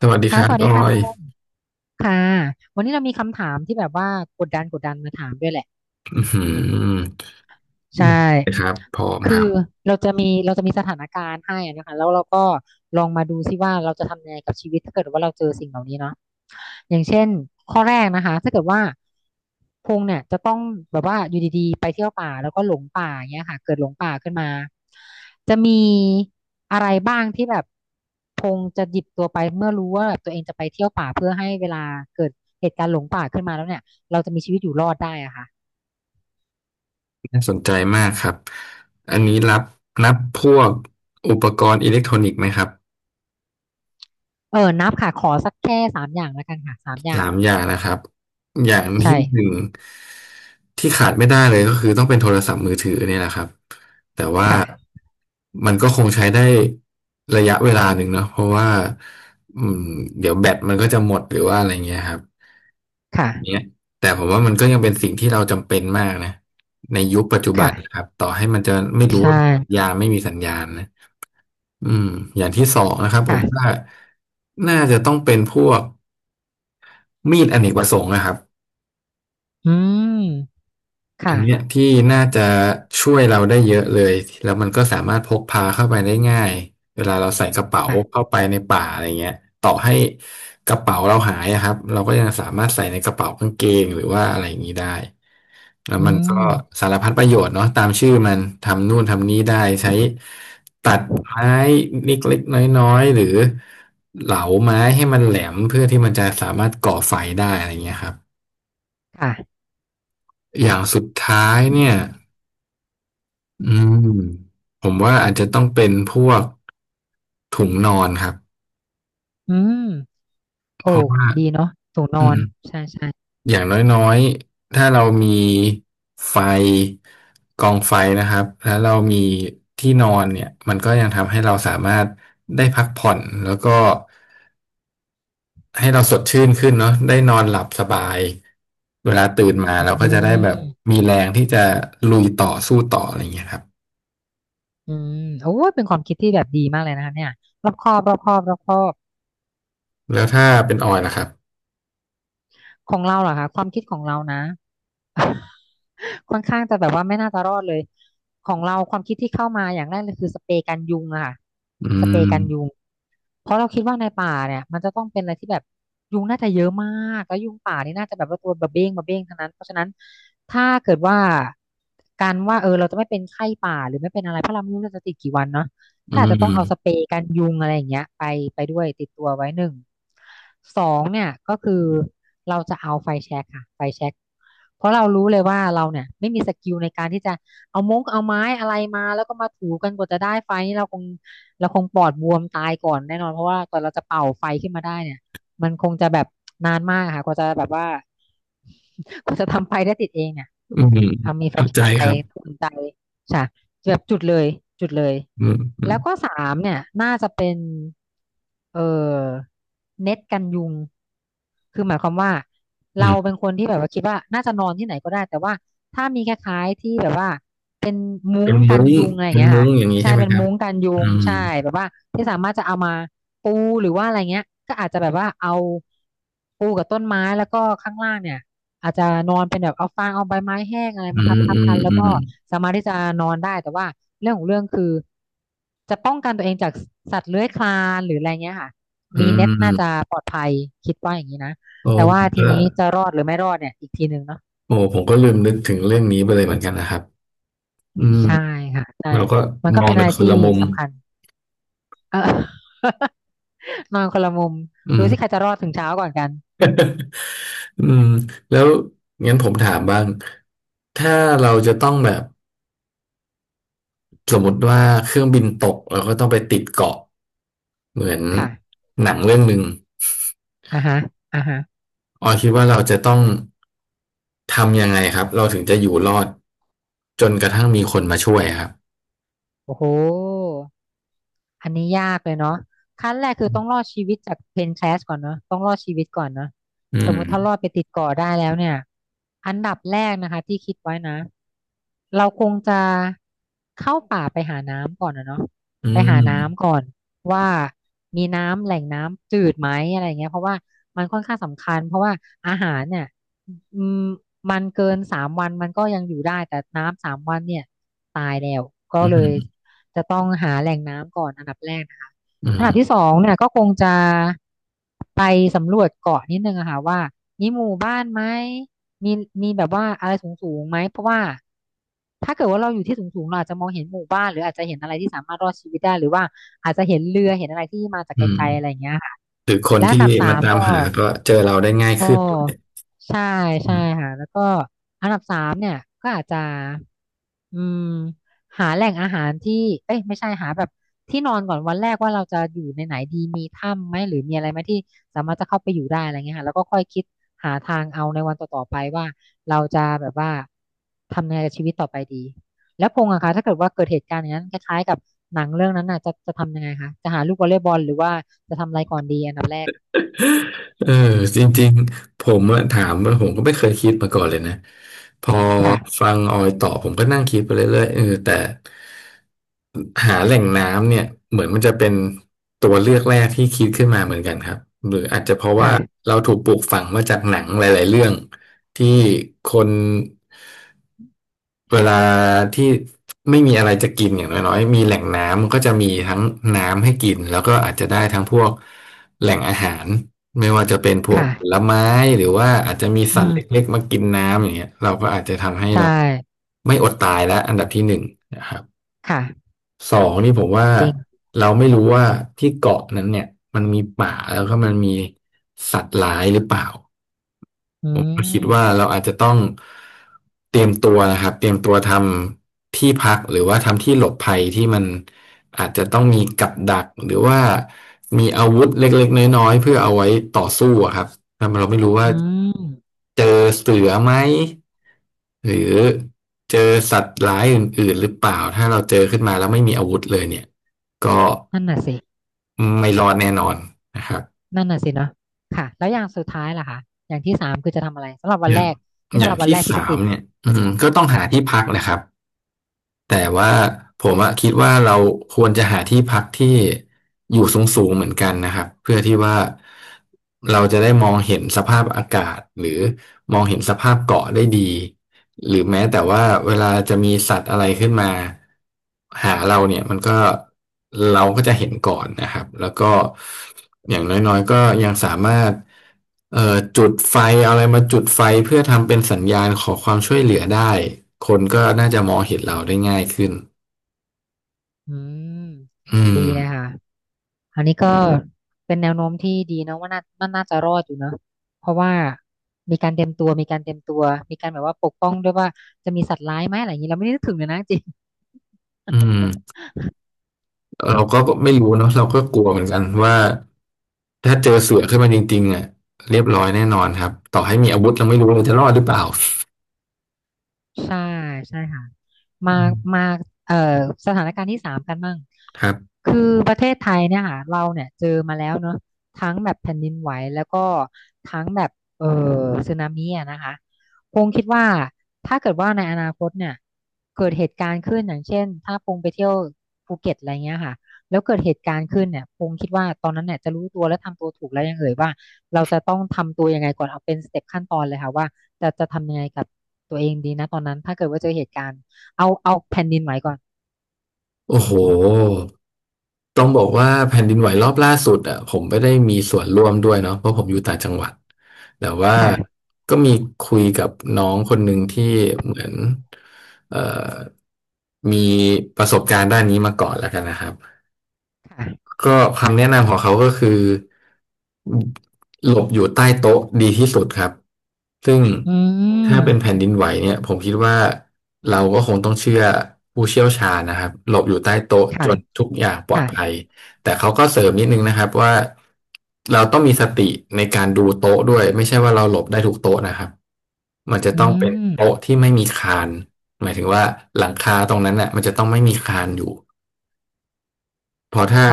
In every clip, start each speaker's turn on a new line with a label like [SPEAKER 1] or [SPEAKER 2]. [SPEAKER 1] สวัสดีค
[SPEAKER 2] ค่ะ
[SPEAKER 1] รั
[SPEAKER 2] ส
[SPEAKER 1] บ
[SPEAKER 2] วัส
[SPEAKER 1] อ
[SPEAKER 2] ดี
[SPEAKER 1] อ
[SPEAKER 2] ค่ะพ
[SPEAKER 1] ย
[SPEAKER 2] งษ์ค่ะวันนี้เรามีคำถามที่แบบว่ากดดันมาถามด้วยแหละ
[SPEAKER 1] อือหือ
[SPEAKER 2] ใช่
[SPEAKER 1] ครับพร้อมค
[SPEAKER 2] คื
[SPEAKER 1] รับ
[SPEAKER 2] อเราจะมีสถานการณ์ให้อะนะคะแล้วเราก็ลองมาดูซิว่าเราจะทำยังไงกับชีวิตถ้าเกิดว่าเราเจอสิ่งเหล่านี้เนาะอย่างเช่นข้อแรกนะคะถ้าเกิดว่าพงษ์เนี่ยจะต้องแบบว่าอยู่ดีๆไปเที่ยวป่าแล้วก็หลงป่าอย่างเงี้ยค่ะเกิดหลงป่าขึ้นมาจะมีอะไรบ้างที่แบบพงษ์จะหยิบตัวไปเมื่อรู้ว่าแบบตัวเองจะไปเที่ยวป่าเพื่อให้เวลาเกิดเหตุการณ์หลงป่าขึ้นมาแล้วเนี่ยเราจะมีชีวิตอยู่รอดได้อะค่ะ
[SPEAKER 1] น่าสนใจมากครับอันนี้รับนับพวกอุปกรณ์อิเล็กทรอนิกส์ไหมครับ
[SPEAKER 2] นับค่ะขอสักแค่สามอย่างแล้วกันค่ะสามอย่า
[SPEAKER 1] สา
[SPEAKER 2] ง
[SPEAKER 1] มอย่างนะครับอย่าง
[SPEAKER 2] ใช่
[SPEAKER 1] ที่หนึ่งที่ขาดไม่ได้เลยก็คือต้องเป็นโทรศัพท์มือถือเนี่ยแหละครับแต่ว่า
[SPEAKER 2] ค่ะ
[SPEAKER 1] มันก็คงใช้ได้ระยะเวลาหนึ่งเนาะเพราะว่าอืมเดี๋ยวแบตมันก็จะหมดหรือว่าอะไรเงี้ยครับ
[SPEAKER 2] ค่ะ
[SPEAKER 1] อย่างเงี้ยแต่ผมว่ามันก็ยังเป็นสิ่งที่เราจำเป็นมากนะในยุคปัจจุบันนะค
[SPEAKER 2] ค่ะ
[SPEAKER 1] รับต่อให้มันจะไม่รู้
[SPEAKER 2] ใช่
[SPEAKER 1] ว่าสัญญาณไม่มีสัญญาณนะอืมอย่างที่สองนะครับผม
[SPEAKER 2] ค่ะ
[SPEAKER 1] ว่าน่าจะต้องเป็นพวกมีดอเนกประสงค์นะครับ
[SPEAKER 2] อืม
[SPEAKER 1] อั
[SPEAKER 2] ค่ะ
[SPEAKER 1] นเนี้ยที่น่าจะช่วยเราได้เยอะเลยแล้วมันก็สามารถพกพาเข้าไปได้ง่ายเวลาเราใส่กระเป๋าเข้า
[SPEAKER 2] ค่ะ
[SPEAKER 1] ไปในป่าอะไรเงี้ยต่อให้กระเป๋าเราหายอะครับเราก็ยังสามารถใส่ในกระเป๋ากางเกงหรือว่าอะไรอย่างนี้ได้แล้ว
[SPEAKER 2] อื
[SPEAKER 1] มันก็
[SPEAKER 2] ม
[SPEAKER 1] สารพัดประโยชน์เนาะตามชื่อมันทำนู่นทำนี้ได้ใช้ตัดไม้เล็กๆน้อยๆหรือเหลาไม้ให้มันแหลมเพื่อที่มันจะสามารถก่อไฟได้อะไรเงี้ยครับ
[SPEAKER 2] ค่ะ
[SPEAKER 1] อย่างสุดท้ายเนี่ย อืมผมว่าอาจจะต้องเป็นพวกถุงนอนครับ
[SPEAKER 2] อืมโอ้
[SPEAKER 1] เพราะว่า
[SPEAKER 2] ดีเนาะถุงนอ
[SPEAKER 1] อื
[SPEAKER 2] น
[SPEAKER 1] ม
[SPEAKER 2] ใช่ใช่
[SPEAKER 1] อย่างน้อยๆถ้าเรามีไฟกองไฟนะครับแล้วเรามีที่นอนเนี่ยมันก็ยังทำให้เราสามารถได้พักผ่อนแล้วก็ให้เราสดชื่นขึ้นเนาะได้นอนหลับสบายเวลาตื่นมาเราก็
[SPEAKER 2] อื
[SPEAKER 1] จะได้แบบ
[SPEAKER 2] ม
[SPEAKER 1] มีแรงที่จะลุยต่อสู้ต่ออะไรอย่างเงี้ยครับ
[SPEAKER 2] อืมโอ้ยเป็นความคิดที่แบบดีมากเลยนะคะเนี่ยรอบคอบรอบคอบรอบคอบ
[SPEAKER 1] แล้วถ้าเป็นออยล่ะครับ
[SPEAKER 2] ของเราเหรอคะความคิดของเรานะ ค่อนข้างจะแบบว่าไม่น่าจะรอดเลยของเราความคิดที่เข้ามาอย่างแรกเลยคือสเปรย์กันยุงอะค่ะ
[SPEAKER 1] อื
[SPEAKER 2] สเปรย์
[SPEAKER 1] ม
[SPEAKER 2] กันยุงเพราะเราคิดว่าในป่าเนี่ยมันจะต้องเป็นอะไรที่แบบยุงน่าจะเยอะมากแล้วยุงป่านี่น่าจะแบบว่าตัวบะเบ้งบะเบ้งทั้งนั้นเพราะฉะนั้นถ้าเกิดว่าการว่าเราจะไม่เป็นไข้ป่าหรือไม่เป็นอะไรเพราะเราไม่รู้เราจะติดกี่วันเนาะ
[SPEAKER 1] อื
[SPEAKER 2] ก็อาจจะต้องเอาส
[SPEAKER 1] ม
[SPEAKER 2] เปรย์กันยุงอะไรอย่างเงี้ยไปด้วยติดตัวไว้หนึ่งสองเนี่ยก็คือเราจะเอาไฟแช็กค่ะไฟแช็กเพราะเรารู้เลยว่าเราเนี่ยไม่มีสกิลในการที่จะเอามงเอาไม้อะไรมาแล้วก็มาถูกันกว่าจะได้ไฟนี่เราคงปอดบวมตายก่อนแน่นอนเพราะว่ากว่อนเราจะเป่าไฟขึ้นมาได้เนี่ยมันคงจะแบบนานมากค่ะกว่าจะแบบว่า กว่าจะทำไฟได้ติดเองเนี่ย
[SPEAKER 1] อืม
[SPEAKER 2] เอามีไฟ
[SPEAKER 1] เข้าใจ
[SPEAKER 2] ไป
[SPEAKER 1] ครับ
[SPEAKER 2] อุ่นใจค่ะแบบจุดเลยจุดเลย
[SPEAKER 1] อืมอื
[SPEAKER 2] แล้
[SPEAKER 1] ม
[SPEAKER 2] วก็สามเนี่ยน่าจะเป็นเออเน็ตกันยุงคือหมายความว่า
[SPEAKER 1] อื
[SPEAKER 2] เราเป็
[SPEAKER 1] ม
[SPEAKER 2] นคนที่แบบว่าคิดว่า น่าจะนอนที่ไหนก็ได้ แต่ว่าถ้ามีคล้ายๆที่แบบว่าเป็นมุ้
[SPEAKER 1] เป็
[SPEAKER 2] ง
[SPEAKER 1] น
[SPEAKER 2] กั
[SPEAKER 1] มุ้
[SPEAKER 2] น
[SPEAKER 1] ง
[SPEAKER 2] ยุงอะไรอ
[SPEAKER 1] เป็
[SPEAKER 2] ย่าง
[SPEAKER 1] น
[SPEAKER 2] เงี้ย
[SPEAKER 1] มุ้
[SPEAKER 2] ค่ะ
[SPEAKER 1] งอย่างนี้
[SPEAKER 2] ใช่
[SPEAKER 1] ใช่ไหม
[SPEAKER 2] เป็น
[SPEAKER 1] ครับ
[SPEAKER 2] มุ้งกันยุ
[SPEAKER 1] อื
[SPEAKER 2] ง
[SPEAKER 1] ม
[SPEAKER 2] ใช่แบบว่าที่สามารถจะเอามาปูหรือว่าอะไรเงี้ยก็อาจจะแบบว่าเอาปูกับต้นไม้แล้วก็ข้างล่างเนี่ย อาจจะนอนเป็นแบบเอาฟางเอาใบไม้แห้งอะไร
[SPEAKER 1] อื
[SPEAKER 2] มาทับ
[SPEAKER 1] ม
[SPEAKER 2] ทั
[SPEAKER 1] อื
[SPEAKER 2] บ
[SPEAKER 1] ม
[SPEAKER 2] กันแล้ว
[SPEAKER 1] อื
[SPEAKER 2] ก็
[SPEAKER 1] ม
[SPEAKER 2] สามารถที่จะนอนได้แต่ว่าเรื่องของเรื่องคือจะป้องกันตัวเองจากสัตว์เลื้อยคลานหรืออะไรเงี้ยค่ะ
[SPEAKER 1] อื
[SPEAKER 2] มีเน็ตน่าจะ
[SPEAKER 1] ม
[SPEAKER 2] ปลอดภัยคิดว่าอย่างนี้นะ
[SPEAKER 1] โอ้
[SPEAKER 2] แต่ว่า
[SPEAKER 1] ผม
[SPEAKER 2] ที
[SPEAKER 1] ก็
[SPEAKER 2] นี้จะรอดหรือไม่รอดเนี่ยอีกทีหนึ่งเนาะ
[SPEAKER 1] โอ้ผมก็ลืมนึกถึงเรื่องนี้ไปเลยเหมือนกันนะครับอืม
[SPEAKER 2] ใช่ค่ะใช่
[SPEAKER 1] เราก็
[SPEAKER 2] มัน
[SPEAKER 1] ม
[SPEAKER 2] ก็
[SPEAKER 1] อง
[SPEAKER 2] เป็นอะ
[SPEAKER 1] กั
[SPEAKER 2] ไร
[SPEAKER 1] นคน
[SPEAKER 2] ที่
[SPEAKER 1] ละมุม
[SPEAKER 2] สำคัญ เออ นอนคนละมุม
[SPEAKER 1] อื
[SPEAKER 2] ดู
[SPEAKER 1] ม
[SPEAKER 2] สิใครจะรอดถึงเช้าก่อนกัน
[SPEAKER 1] อืมแล้วงั้นผมถามบ้างถ้าเราจะต้องแบบสมมติว่าเครื่องบินตกเราก็ต้องไปติดเกาะเหมือน
[SPEAKER 2] ค่ะ
[SPEAKER 1] หนังเรื่องหนึ่ง
[SPEAKER 2] อ่าฮะอ่าฮะ
[SPEAKER 1] ออยคิดว่าเราจะต้องทำยังไงครับเราถึงจะอยู่รอดจนกระทั่งมีคนมาช่วยครับ
[SPEAKER 2] โอ้โห อันนี้ยากเลยเนาะขั้นแรกคือต้องรอดชีวิตจากเพนแคสก่อนเนาะต้องรอดชีวิตก่อนเนาะ
[SPEAKER 1] อื
[SPEAKER 2] สม
[SPEAKER 1] ม
[SPEAKER 2] มุติถ้ารอดไปติดเกาะได้แล้วเนี่ยอันดับแรกนะคะที่คิดไว้นะเราคงจะเข้าป่าไปหาน้ำก่อนนะเนาะ
[SPEAKER 1] อื
[SPEAKER 2] ไปหาน้ำ
[SPEAKER 1] ม
[SPEAKER 2] ก่อนว่ามีน้ำแหล่งน้ำจืดไหมอะไรอย่างเงี้ยเพราะว่ามันค่อนข้างสำคัญเพราะว่าอาหารเนี่ยอืมมันเกินสามวันมันก็ยังอยู่ได้แต่น้ำสามวันเนี่ยตายแล้วก็
[SPEAKER 1] อื
[SPEAKER 2] เลย
[SPEAKER 1] ม
[SPEAKER 2] จะต้องหาแหล่งน้ำ ดับแรกนะ
[SPEAKER 1] อื
[SPEAKER 2] อันดับที่
[SPEAKER 1] ม
[SPEAKER 2] สองเนี่ยก็คงจะไปสำรวจเกาะนิดนึงอะค่ะว่ามีหมู่บ้านไหมมีมีแบบว่าอะไรสูงสูงไหมเพราะว่าถ้าเกิดว่าเราอยู่ที่สูงสูงเราอาจจะมองเห็นหมู่บ้านหรืออาจจะเห็นอะไรที่สามารถรอดชีวิตได้หรือว่าอาจจะเห็นเรือเห็นอะไรที่มาจาก
[SPEAKER 1] อื
[SPEAKER 2] ไกลๆอะไร
[SPEAKER 1] ม
[SPEAKER 2] อย่างเงี้ยอ
[SPEAKER 1] หรือคน
[SPEAKER 2] ั
[SPEAKER 1] ที่
[SPEAKER 2] นดับสา
[SPEAKER 1] มา
[SPEAKER 2] ม
[SPEAKER 1] ตาม
[SPEAKER 2] ก็
[SPEAKER 1] หาก็เจอเราได้ง่าย
[SPEAKER 2] โอ
[SPEAKER 1] ขึ้นด้วย
[SPEAKER 2] ้ใช่ใช่ค่ะแล้วก็อันดับสามเนี่ยก็อาจจะอืมหาแหล่งอาหารที่เอ้ยไม่ใช่หาแบบที่นอนก่อนวันแรกว่าเราจะอยู่ในไหนดีมีถ้ำไหมหรือมีอะไรไหมที่สามารถจะเข้าไปอยู่ได้อะไรเงี้ยค่ะแล้วก็ค่อยคิดหาทางเอาในวันต่อๆไปว่าเราจะแบบว่าทำยังไงกับชีวิตต่อไปดีแล้วพงษ์อะคะถ้าเกิดว่าเกิดเหตุการณ์อย่างนั้นคล้ายๆกับหนังเรื่องนั้นน่ะจะทำยังไงคะจะหาลูกวอลเลย์บอลหรือว่าจะทำอะไรก่อนดีอันดับแรก
[SPEAKER 1] เออจริงๆผมอะถามว่าผมก็ไม่เคยคิดมาก่อนเลยนะพอ
[SPEAKER 2] ค่ะ
[SPEAKER 1] ฟังออยตอบผมก็นั่งคิดไปเรื่อยๆแต่หาแหล่งน้ำเนี่ยเหมือนมันจะเป็นตัวเลือกแรกที่คิดขึ้นมาเหมือนกันครับหรืออาจจะเพราะว่า
[SPEAKER 2] ค่ะ
[SPEAKER 1] เราถูกปลูกฝังมาจากหนังหลายๆเรื่องที่คนเวลาที่ไม่มีอะไรจะกินอย่างน้อยๆมีแหล่งน้ำมันก็จะมีทั้งน้ำให้กินแล้วก็อาจจะได้ทั้งพวก แหล่งอาหารไม่ว่าจะเป็นพวก
[SPEAKER 2] ค่ะ
[SPEAKER 1] ผลไม้หรือว่าอาจจะมี
[SPEAKER 2] อื
[SPEAKER 1] สัตว์เล็
[SPEAKER 2] ม
[SPEAKER 1] กๆมากินน้ำอย่างเงี้ยเราก็อาจจะทำให้
[SPEAKER 2] ใช่
[SPEAKER 1] เราไม่อดตายแล้วอันดับที่หนึ่งนะครับ
[SPEAKER 2] ค่ะ
[SPEAKER 1] สองนี่ผมว่า
[SPEAKER 2] จริง
[SPEAKER 1] เราไม่รู้ว่าที่เกาะนั้นเนี่ยมันมีป่าแล้วก็มันมีสัตว์ร้ายหรือเปล่า
[SPEAKER 2] อื
[SPEAKER 1] ผมก็คิดว่า
[SPEAKER 2] ม
[SPEAKER 1] เราอาจจะต้องเตรียมตัวนะครับเตรียมตัวทำที่พักหรือว่าทำที่หลบภัยที่มันอาจจะต้องมีกับดักหรือว่ามีอาวุธเล็กๆน้อยๆเพื่อเอาไว้ต่อสู้อะครับถ้าเราไม่รู้ว่า
[SPEAKER 2] อืม
[SPEAKER 1] เจอเสือไหมหรือเจอสัตว์ร้ายอื่นๆหรือเปล่าถ้าเราเจอขึ้นมาแล้วไม่มีอาวุธเลยเนี่ยก็
[SPEAKER 2] นั่นน่ะสิ
[SPEAKER 1] ไม่รอดแน่นอนนะครับ
[SPEAKER 2] นั่นน่ะสิเนาะค่ะแล้วอย่างสุดท้ายล่ะคะอย่างที่สามคือจะทำอะไรสำหรับวั
[SPEAKER 1] อ
[SPEAKER 2] น
[SPEAKER 1] ย่า
[SPEAKER 2] แร
[SPEAKER 1] ง
[SPEAKER 2] กนี่
[SPEAKER 1] อ
[SPEAKER 2] สำ
[SPEAKER 1] ย่า
[SPEAKER 2] ห
[SPEAKER 1] ง
[SPEAKER 2] รับวัน
[SPEAKER 1] ที่
[SPEAKER 2] แรกที่ไป
[SPEAKER 1] สาม
[SPEAKER 2] ติด
[SPEAKER 1] เนี่ยก็ต้องหาที่พักนะครับ แต่ว่าผมอะคิดว่าเราควรจะหาที่พักที่อยู่สูงๆเหมือนกันนะครับเพื่อที่ว่าเราจะได้มองเห็นสภาพอากาศหรือมองเห็นสภาพเกาะได้ดีหรือแม้แต่ว่าเวลาจะมีสัตว์อะไรขึ้นมา หาเราเนี่ยมันก็เราก็จะเห็นก่อนนะครับแล้วก็อย่างน้อยๆก็ยังสามารถจุดไฟเอาอะไรมาจุดไฟเพื่อทำเป็นสัญญาณขอความช่วยเหลือได้คนก็น่าจะมองเห็นเราได้ง่ายขึ้น
[SPEAKER 2] อืม
[SPEAKER 1] อื
[SPEAKER 2] ดี
[SPEAKER 1] ม
[SPEAKER 2] เลยค่ะอันนี้ก็เป็นแนวโน้มที่ดีเนาะว่าน่าจะรอดอยู่เนาะเพราะว่ามีการเตรียมตัวมีการเตรียมตัวมีการแบบว่าปกป้องด้วยว่าจะมีสัตว์ร้ายไหมอะไรอย่างนี้เราไม่ได้นึกถึงเลยนะจริง
[SPEAKER 1] อืมเราก็ไม่รู้เนาะเราก็กลัวเหมือนกันว่าถ้าเจอเสือขึ้นมาจริงๆอ่ะเรียบร้อยแน่นอนครับต่อให้มีอาวุธเราไม่รู้เราจะรอดหรือเปล่า
[SPEAKER 2] ใช่ใช่ค่ะมา
[SPEAKER 1] อื
[SPEAKER 2] มา
[SPEAKER 1] ม
[SPEAKER 2] เอ่อสถานการณ์ที่สามกันบ้าง
[SPEAKER 1] ครับ
[SPEAKER 2] คือประเทศไทยเนี่ยค่ะเราเนี่ยเจอมาแล้วเนอะทั้งแบบแผ่นดินไหวแล้วก็ทั้งแบบเอ่อสึนามิอะนะคะพงคิดว่าถ้าเกิดว่าในอนาคตเนี่ยเกิดเหตุการณ์ขึ้นอย่างเช่นถ้าพงไปเที่ยวภูเก็ตอะไรเงี้ยค่ะแล้วเกิดเหตุการณ์ขึ้นเนี่ยพงคิดว่าตอนนั้นเนี่ยจะรู้ตัวและทำตัวถูกแล้วยังเอ่ยว่าเราจะต้องทำตัวยังไงก่อนเอาเป็นสเต็ปขั้นตอนเลยค่ะว่า จะทำยังไงกับตัวเองดีนะตอนนั้นถ้าเกิดว่าเจอเหตุการณ์เอาแผ่นดินไหวก่อน
[SPEAKER 1] โอ้โห ต้องบอกว่าแผ่นดินไหวรอบล่าสุดอ่ะผมไม่ได้มีส่วนร่วมด้วยเนาะเพราะผมอยู่ต่างจังหวัดแต่ว่า
[SPEAKER 2] ค่ะ
[SPEAKER 1] ก็มีคุยกับน้องคนหนึ่งที่เหมือนเอ่อมีประสบการณ์ด้านนี้มาก่อนแล้วกันนะครับ
[SPEAKER 2] ค่ะ
[SPEAKER 1] ก็คำแนะนำของเขาก็คือหลบอยู่ใต้โต๊ะดีที่สุดครับซึ่ง
[SPEAKER 2] อื
[SPEAKER 1] ถ้าเป็นแผ่
[SPEAKER 2] ม
[SPEAKER 1] นดินไหวเนี่ยผมคิดว่าเราก็คงต้องเชื่อผู้เชี่ยวชาญนะครับหลบอยู่ใต้โต๊ะจ
[SPEAKER 2] ค่ะ
[SPEAKER 1] นทุกอย่างปลอดภัย
[SPEAKER 2] ค่ะ
[SPEAKER 1] แต่เขาก็เสริมนิดนึงนะครับว่าเราต้องมีสติในการดูโต๊ะด้วยไม่ใช่ว่าเราหลบได้ทุกโต๊ะนะครับมันจะ
[SPEAKER 2] อื
[SPEAKER 1] ต้องเป็น
[SPEAKER 2] ม
[SPEAKER 1] โต๊ะที่ไม่มีคานหมายถึงว่าหลังคาตรงนั้นน่ะมันจะต้องไม่มีคานอยู่ เพราะถ้า
[SPEAKER 2] อ๋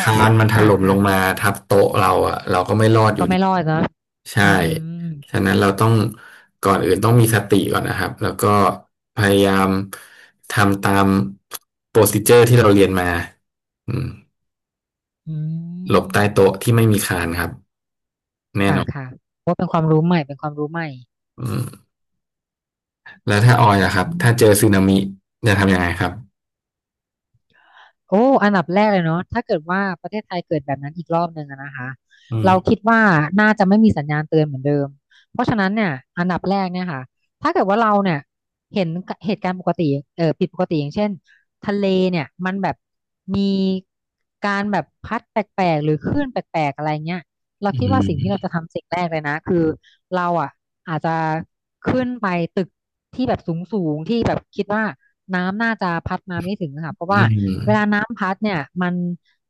[SPEAKER 1] คานมันถ
[SPEAKER 2] ค่ะ
[SPEAKER 1] ล่มลงมา
[SPEAKER 2] ค่ะ
[SPEAKER 1] ทับโต๊ะเราอะเราก็ไม่รอดอยู่
[SPEAKER 2] ก็
[SPEAKER 1] ดี
[SPEAKER 2] ไม่รอดเนอะ
[SPEAKER 1] ใช่
[SPEAKER 2] อืมอืม
[SPEAKER 1] ฉะนั้นเราต้องก่อนอื่นต้องมีสติก่อนนะครับแล้วก็พยายามทำตามโปรซิเจอร์ที่เราเรียนมาอืม
[SPEAKER 2] อื
[SPEAKER 1] หลบใต้โต๊ะ
[SPEAKER 2] ม
[SPEAKER 1] ที่ไม่มีคานครับแน่
[SPEAKER 2] ค่ะ
[SPEAKER 1] นอน
[SPEAKER 2] ค่ะว่าเป็นความรู้ใหม่เป็นความรู้ใหม่
[SPEAKER 1] อืมแล้วถ้าออยอะครับถ้าเจ
[SPEAKER 2] อื
[SPEAKER 1] อสึนามิจะทำยังไงครับ
[SPEAKER 2] โอ้อันดับแรกเลยเนาะถ้าเกิดว่าประเทศไทยเกิดแบบนั้นอีกรอบหนึ่งอะนะคะ
[SPEAKER 1] อืม
[SPEAKER 2] เราคิดว่าน่าจะไม่มีสัญญาณเตือนเหมือนเดิม เพราะฉะนั้นเนี่ยอันดับแรกเนี่ยค่ะถ้าเกิดว่าเราเนี่ยเห็นเหตุการณ์ปกติเออผิดปกติอย่างเช่นทะเลเนี่ยมันแบบมีการแบบพัดแปลกๆ หรือคลื่นแปลกๆ อะไรเงี้ย เรา
[SPEAKER 1] อื
[SPEAKER 2] คิดว่าสิ่งที่เรา
[SPEAKER 1] ม
[SPEAKER 2] จะทำสิ่งแรกเลยนะคือเราอ่ะอาจจะขึ้นไปตึกที่แบบสูงสูงที่แบบคิดว่าน้ำน่าจะพัดมาไม่ถึงอะค่ะเพราะ
[SPEAKER 1] อื
[SPEAKER 2] ว่าเวลา
[SPEAKER 1] ม
[SPEAKER 2] น้ำพัดเนี่ยมัน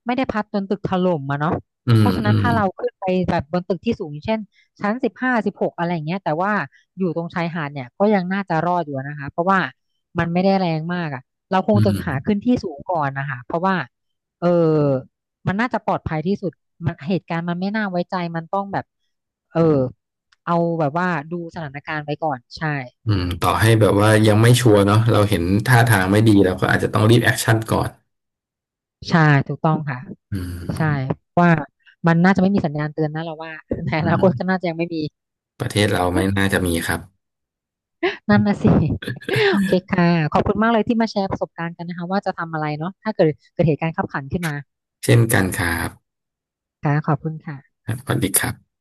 [SPEAKER 2] ไม่ได้พัดจนตึกถล่มอะเนาะ
[SPEAKER 1] อื
[SPEAKER 2] เพ
[SPEAKER 1] ม
[SPEAKER 2] ราะฉะ
[SPEAKER 1] อื
[SPEAKER 2] นั้น
[SPEAKER 1] ม
[SPEAKER 2] ถ้าเราขึ้นไปแบบบนตึกที่สูงอย่างเช่นชั้น1516อะไรอย่างเงี้ยแต่ว่าอยู่ตรงชายหาดเนี่ยก็ยังน่าจะรอดอยู่นะคะเพราะว่ามันไม่ได้แรงมากอะเราค
[SPEAKER 1] อื
[SPEAKER 2] งจะ
[SPEAKER 1] ม
[SPEAKER 2] หาขึ้นที่สูงก่อนนะคะเพราะว่าเออ มันน่าจะปลอดภัยที่สุดมันเหตุการณ์มันไม่น่าไว้ใจมันต้องแบบเออเอาแบบว่าดูสถานการณ์ไว้ก่อนใช่
[SPEAKER 1] ต่อให้แบบว่ายังไม่ชัวร์เนาะเราเห็นท่าทางไม่ดีเราก็อาจจะต้องรีบแอคชั่นก่อน
[SPEAKER 2] ใช่ถูกต้องค่ะ
[SPEAKER 1] อื
[SPEAKER 2] ใช่
[SPEAKER 1] ม
[SPEAKER 2] ว่ามันน่าจะไม่มีสัญญาณเตือนนะเราว่า ใน
[SPEAKER 1] อื
[SPEAKER 2] อนาคตก็
[SPEAKER 1] ม
[SPEAKER 2] น่าจะยังไม่มี
[SPEAKER 1] ประเทศเราไม่น่าจะมีครับ
[SPEAKER 2] นั่นนะสิ โอเคค่ะ ขอบคุณมากเลยที่มาแชร์ประสบการณ์กันนะคะว่าจะทำอะไรเนาะถ้าเกิดเหตุการณ์คับขันขึ้นมา
[SPEAKER 1] เช่นกันครับ
[SPEAKER 2] ค่ะขอบคุณค่ะ
[SPEAKER 1] ครับสวัสดีครับ